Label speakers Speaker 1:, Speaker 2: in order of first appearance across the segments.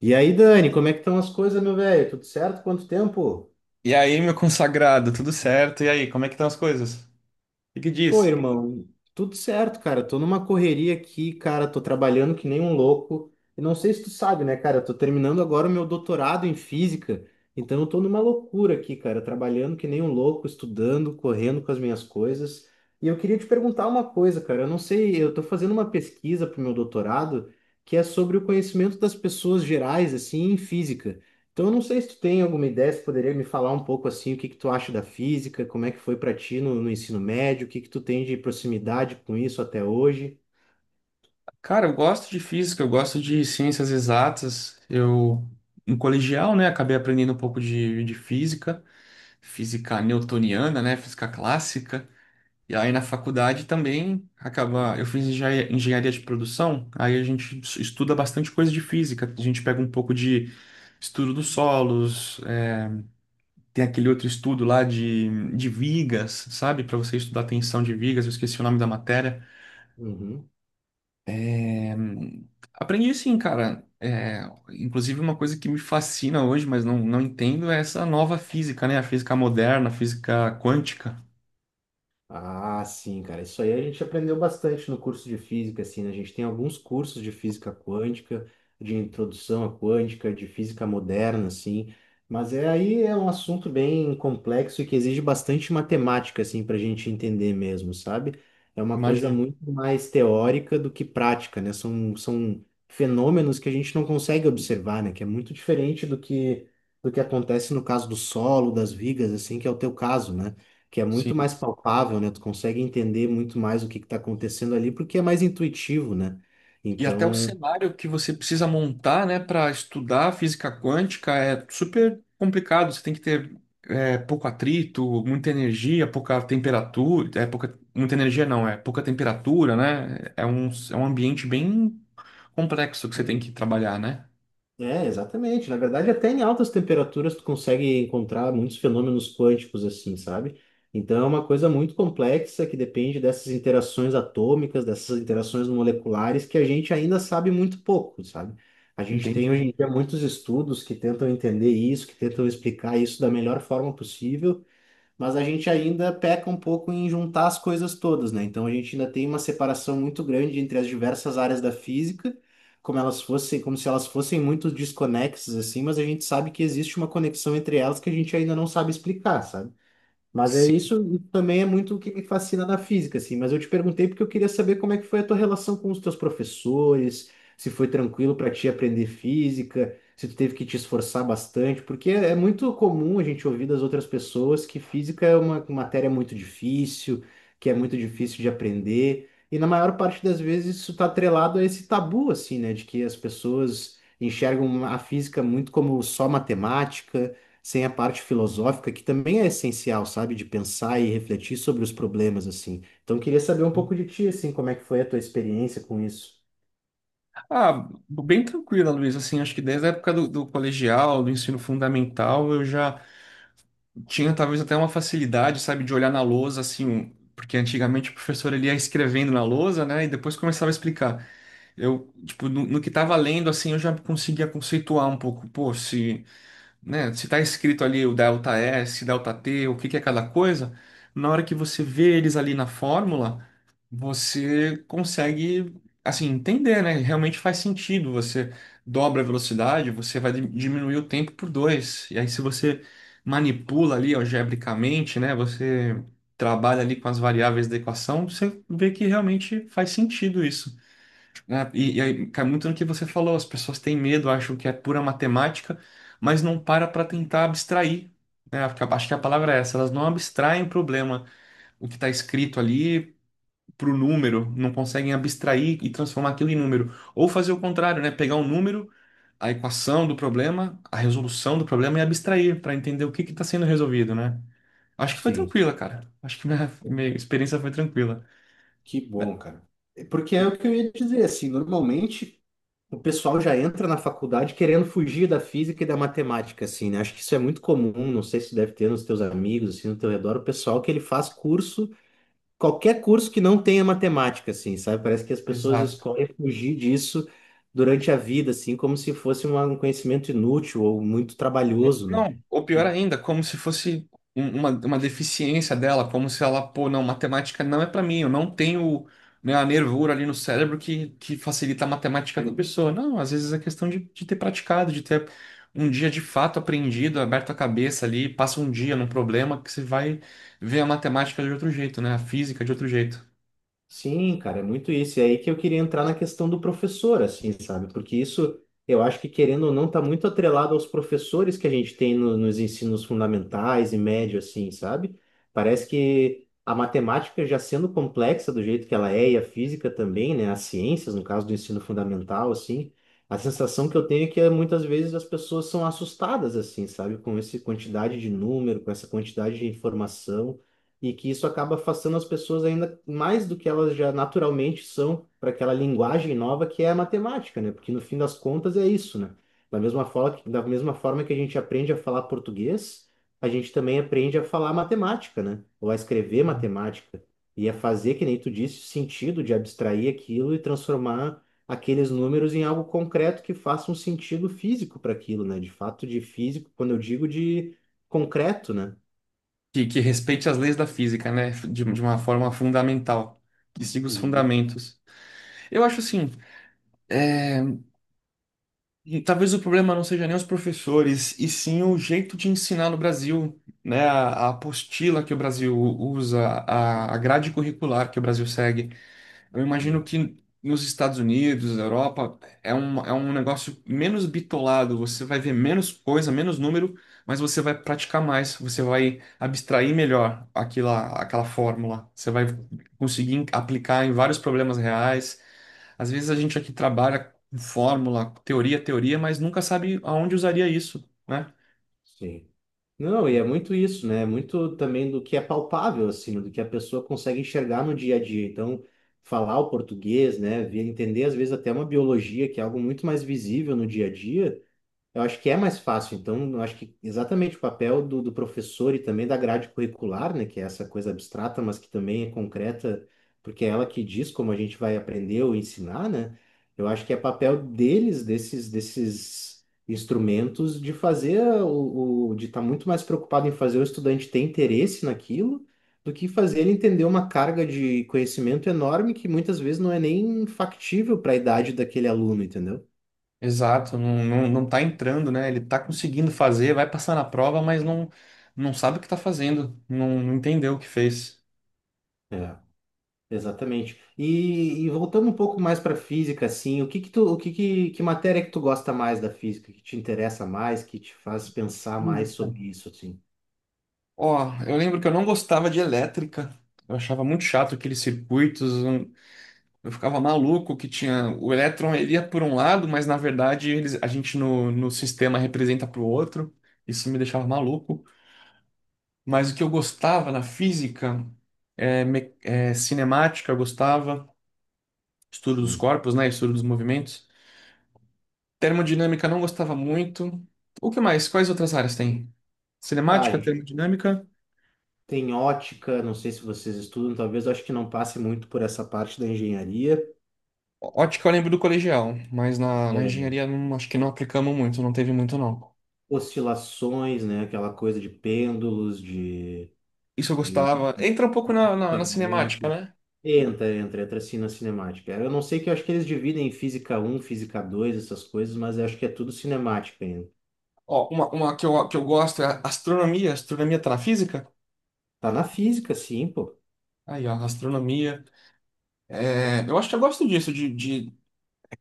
Speaker 1: E aí, Dani, como é que estão as coisas, meu velho? Tudo certo? Quanto tempo?
Speaker 2: E aí, meu consagrado, tudo certo? E aí, como é que estão as coisas? O que que
Speaker 1: Pô,
Speaker 2: diz?
Speaker 1: irmão, tudo certo, cara. Tô numa correria aqui, cara. Tô trabalhando que nem um louco. E não sei se tu sabe, né, cara? Eu tô terminando agora o meu doutorado em física. Então eu tô numa loucura aqui, cara. Trabalhando que nem um louco, estudando, correndo com as minhas coisas. E eu queria te perguntar uma coisa, cara. Eu não sei, eu tô fazendo uma pesquisa pro meu doutorado que é sobre o conhecimento das pessoas gerais, assim, em física. Então, eu não sei se tu tem alguma ideia, se poderia me falar um pouco assim, o que que tu acha da física, como é que foi para ti no ensino médio, o que que tu tem de proximidade com isso até hoje?
Speaker 2: Cara, eu gosto de física, eu gosto de ciências exatas. Eu, no colegial, né, acabei aprendendo um pouco de física, física newtoniana, né, física clássica. E aí, na faculdade também, acaba, eu fiz engenharia de produção, aí a gente estuda bastante coisa de física. A gente pega um pouco de estudo dos solos, tem aquele outro estudo lá de vigas, sabe? Para você estudar tensão de vigas, eu esqueci o nome da matéria.
Speaker 1: Uhum.
Speaker 2: Hum, Aprendi sim, cara. É, inclusive, uma coisa que me fascina hoje, mas não, não entendo, é essa nova física, né? A física moderna, a física quântica.
Speaker 1: Ah, sim, cara. Isso aí a gente aprendeu bastante no curso de física, assim, né? A gente tem alguns cursos de física quântica, de introdução à quântica, de física moderna, assim. Mas aí é um assunto bem complexo e que exige bastante matemática, assim, para a gente entender mesmo, sabe? É uma coisa
Speaker 2: Imagino.
Speaker 1: muito mais teórica do que prática, né? São fenômenos que a gente não consegue observar, né? Que é muito diferente do que acontece no caso do solo, das vigas, assim, que é o teu caso, né? Que é muito
Speaker 2: Sim.
Speaker 1: mais palpável, né? Tu consegue entender muito mais o que está acontecendo ali, porque é mais intuitivo, né?
Speaker 2: E até o
Speaker 1: Então,
Speaker 2: cenário que você precisa montar, né, para estudar física quântica é super complicado. Você tem que ter pouco atrito, muita energia, pouca temperatura. É pouca, muita energia não, é pouca temperatura, né? É um ambiente bem complexo que você tem que trabalhar, né?
Speaker 1: é, exatamente. Na verdade, até em altas temperaturas tu consegue encontrar muitos fenômenos quânticos, assim, sabe? Então, é uma coisa muito complexa que depende dessas interações atômicas, dessas interações moleculares, que a gente ainda sabe muito pouco, sabe? A gente tem
Speaker 2: Entende?
Speaker 1: hoje em dia muitos estudos que tentam entender isso, que tentam explicar isso da melhor forma possível, mas a gente ainda peca um pouco em juntar as coisas todas, né? Então a gente ainda tem uma separação muito grande entre as diversas áreas da física, como se elas fossem muito desconexas assim, mas a gente sabe que existe uma conexão entre elas que a gente ainda não sabe explicar, sabe? Mas é
Speaker 2: Sim.
Speaker 1: isso também é muito o que me fascina na física, assim. Mas eu te perguntei porque eu queria saber como é que foi a tua relação com os teus professores, se foi tranquilo para ti aprender física, se tu teve que te esforçar bastante, porque é muito comum a gente ouvir das outras pessoas que física é uma matéria muito difícil, que é muito difícil de aprender. E na maior parte das vezes isso está atrelado a esse tabu, assim, né, de que as pessoas enxergam a física muito como só matemática sem a parte filosófica, que também é essencial, sabe? De pensar e refletir sobre os problemas, assim. Então, eu queria saber um pouco de ti, assim, como é que foi a tua experiência com isso?
Speaker 2: Ah, bem tranquila, Luiz. Assim, acho que desde a época do colegial, do ensino fundamental, eu já tinha talvez até uma facilidade, sabe, de olhar na lousa, assim, porque antigamente o professor ele ia escrevendo na lousa, né, e depois começava a explicar. Eu, tipo, no que tava lendo, assim, eu já conseguia conceituar um pouco, pô, se né? Se tá escrito ali o delta S, delta T, o que que é cada coisa, na hora que você vê eles ali na fórmula, você consegue, assim, entender, né? Realmente faz sentido. Você dobra a velocidade, você vai diminuir o tempo por dois. E aí, se você manipula ali algebricamente, né? Você trabalha ali com as variáveis da equação, você vê que realmente faz sentido isso, né? E aí cai muito no que você falou, as pessoas têm medo, acham que é pura matemática, mas não para tentar abstrair, né? Acho que a palavra é essa, elas não abstraem o problema, o que está escrito ali para o número, não conseguem abstrair e transformar aquilo em número. Ou fazer o contrário, né? Pegar um número, a equação do problema, a resolução do problema e abstrair para entender o que que está sendo resolvido, né? Acho que foi
Speaker 1: Sim.
Speaker 2: tranquila, cara. Acho que minha,
Speaker 1: Pô,
Speaker 2: minha experiência foi tranquila.
Speaker 1: que bom, cara. É, porque é o que eu ia dizer, assim, normalmente o pessoal já entra na faculdade querendo fugir da física e da matemática, assim, né? Acho que isso é muito comum, não sei se deve ter nos teus amigos, assim, no teu redor, o pessoal que ele faz curso qualquer curso que não tenha matemática, assim, sabe? Parece que as pessoas
Speaker 2: Exato.
Speaker 1: escolhem fugir disso durante a vida, assim, como se fosse um conhecimento inútil ou muito trabalhoso, né?
Speaker 2: Não, ou pior ainda, como se fosse uma deficiência dela, como se ela, pô, não, matemática não é pra mim, eu não tenho, né, a nervura ali no cérebro que facilita a matemática da pessoa. Não, às vezes é questão de ter praticado, de ter um dia de fato aprendido, aberto a cabeça ali, passa um dia num problema que você vai ver a matemática de outro jeito, né, a física de outro jeito.
Speaker 1: Sim, cara, é muito isso. E aí que eu queria entrar na questão do professor, assim, sabe? Porque isso, eu acho que querendo ou não, tá muito atrelado aos professores que a gente tem nos ensinos fundamentais e médio, assim, sabe? Parece que a matemática já sendo complexa do jeito que ela é, e a física também, né? As ciências, no caso do ensino fundamental, assim, a sensação que eu tenho é que muitas vezes as pessoas são assustadas, assim, sabe? Com essa quantidade de número, com essa quantidade de informação e que isso acaba afastando as pessoas ainda mais do que elas já naturalmente são para aquela linguagem nova que é a matemática, né? Porque no fim das contas é isso, né? Da mesma forma que a gente aprende a falar português, a gente também aprende a falar matemática, né? Ou a escrever matemática e a fazer, que nem tu disse, sentido de abstrair aquilo e transformar aqueles números em algo concreto que faça um sentido físico para aquilo, né? De fato, de físico, quando eu digo de concreto, né?
Speaker 2: Que respeite as leis da física, né, de uma forma fundamental, que siga os
Speaker 1: E
Speaker 2: fundamentos. Eu acho assim. é, E talvez o problema não seja nem os professores, e sim o jeito de ensinar no Brasil, né? A apostila que o Brasil usa, a grade curricular que o Brasil segue. Eu imagino
Speaker 1: hum.
Speaker 2: que nos Estados Unidos, na Europa, é um negócio menos bitolado. Você vai ver menos coisa, menos número, mas você vai praticar mais. Você vai abstrair melhor aquela fórmula. Você vai conseguir aplicar em vários problemas reais. Às vezes a gente aqui trabalha com fórmula, teoria, teoria, mas nunca sabe aonde usaria isso, né?
Speaker 1: Sim. Não, e é muito isso, né? É muito também do que é palpável, assim, do que a pessoa consegue enxergar no dia a dia. Então, falar o português, né? Entender, às vezes, até uma biologia, que é algo muito mais visível no dia a dia, eu acho que é mais fácil, então, eu acho que exatamente o papel do professor e também da grade curricular, né, que é essa coisa abstrata, mas que também é concreta, porque é ela que diz como a gente vai aprender ou ensinar, né? Eu acho que é papel deles, desses instrumentos, de fazer de estar muito mais preocupado em fazer o estudante ter interesse naquilo, do que fazer ele entender uma carga de conhecimento enorme que muitas vezes não é nem factível para a idade daquele aluno, entendeu?
Speaker 2: Exato, não, não, não tá entrando, né? Ele tá conseguindo fazer, vai passar na prova, mas não, não sabe o que tá fazendo, não, não entendeu o que fez.
Speaker 1: Exatamente. E voltando um pouco mais para física, assim, o que que tu, que matéria que tu gosta mais da física, que te interessa mais, que te faz pensar mais
Speaker 2: Física.
Speaker 1: sobre isso, assim?
Speaker 2: Ó, eu lembro que eu não gostava de elétrica, eu achava muito chato aqueles circuitos, eu ficava maluco que tinha, o elétron ele ia por um lado, mas na verdade eles, a gente no sistema representa para o outro, isso me deixava maluco. Mas o que eu gostava na física, cinemática, eu gostava, estudo dos
Speaker 1: Uhum.
Speaker 2: corpos, né, estudo dos movimentos. Termodinâmica não gostava muito. O que mais? Quais outras áreas tem?
Speaker 1: Ah, a
Speaker 2: Cinemática,
Speaker 1: gente
Speaker 2: termodinâmica.
Speaker 1: tem ótica, não sei se vocês estudam, talvez eu acho que não passe muito por essa parte da engenharia.
Speaker 2: Ótica eu lembro do colegial, mas na
Speaker 1: É,
Speaker 2: engenharia acho que não aplicamos muito, não teve muito não.
Speaker 1: oscilações, né? Aquela coisa de pêndulos,
Speaker 2: Isso eu
Speaker 1: de
Speaker 2: gostava. Entra um pouco na,
Speaker 1: duto
Speaker 2: na, na cinemática,
Speaker 1: harmônico.
Speaker 2: né?
Speaker 1: Entra assim na cinemática. Eu não sei que eu acho que eles dividem em física um física 2 essas coisas, mas eu acho que é tudo cinemática ainda.
Speaker 2: Ó, uma que eu gosto é a astronomia, astronomia tá na física.
Speaker 1: Tá na física, sim, pô.
Speaker 2: Aí, ó, astronomia. É, eu acho que eu gosto disso, de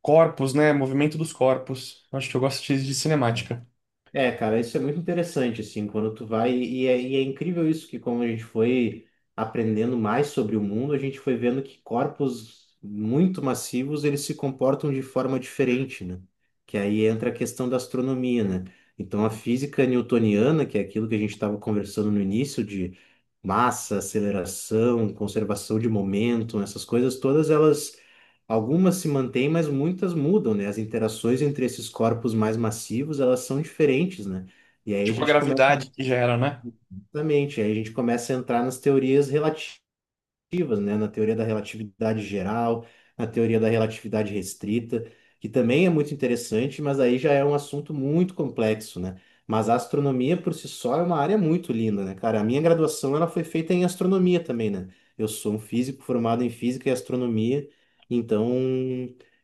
Speaker 2: corpos, né? Movimento dos corpos. Eu acho que eu gosto de cinemática.
Speaker 1: É, cara, isso é muito interessante, assim, quando tu vai. E é incrível isso, que como a gente foi aprendendo mais sobre o mundo, a gente foi vendo que corpos muito massivos, eles se comportam de forma diferente, né? Que aí entra a questão da astronomia, né? Então, a física newtoniana, que é aquilo que a gente estava conversando no início, de massa, aceleração, conservação de momento, essas coisas todas, elas algumas se mantêm, mas muitas mudam, né? As interações entre esses corpos mais massivos, elas são diferentes, né? E aí a
Speaker 2: Tipo a
Speaker 1: gente começa,
Speaker 2: gravidade que gera, né?
Speaker 1: exatamente, aí a gente começa a entrar nas teorias relativas, né? Na teoria da relatividade geral, na teoria da relatividade restrita, que também é muito interessante, mas aí já é um assunto muito complexo, né? Mas a astronomia por si só é uma área muito linda, né, cara? A minha graduação ela foi feita em astronomia também, né? Eu sou um físico formado em física e astronomia, então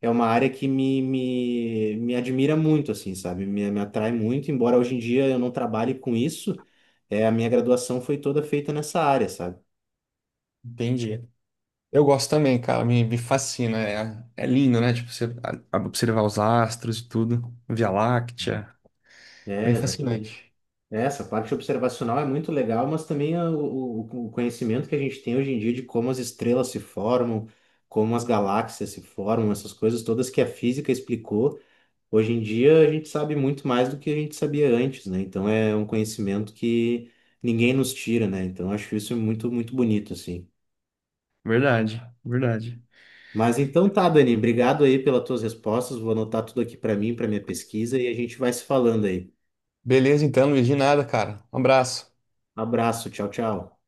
Speaker 1: é uma área que me admira muito, assim, sabe? Me atrai muito, embora hoje em dia eu não trabalhe com isso, é, a minha graduação foi toda feita nessa área, sabe?
Speaker 2: Entendi. Eu gosto também, cara, me fascina. É lindo, né? Tipo, você observar os astros e tudo, Via Láctea. Bem
Speaker 1: É, exatamente.
Speaker 2: fascinante.
Speaker 1: É, essa parte observacional é muito legal, mas também o conhecimento que a gente tem hoje em dia de como as estrelas se formam, como as galáxias se formam, essas coisas todas que a física explicou, hoje em dia a gente sabe muito mais do que a gente sabia antes, né? Então é um conhecimento que ninguém nos tira, né? Então acho isso muito, muito bonito, assim.
Speaker 2: Verdade, verdade.
Speaker 1: Mas então tá, Dani, obrigado aí pelas tuas respostas, vou anotar tudo aqui para mim, para minha pesquisa e a gente vai se falando aí.
Speaker 2: Beleza, então, Luiz, de nada, cara. Um abraço.
Speaker 1: Abraço, tchau, tchau.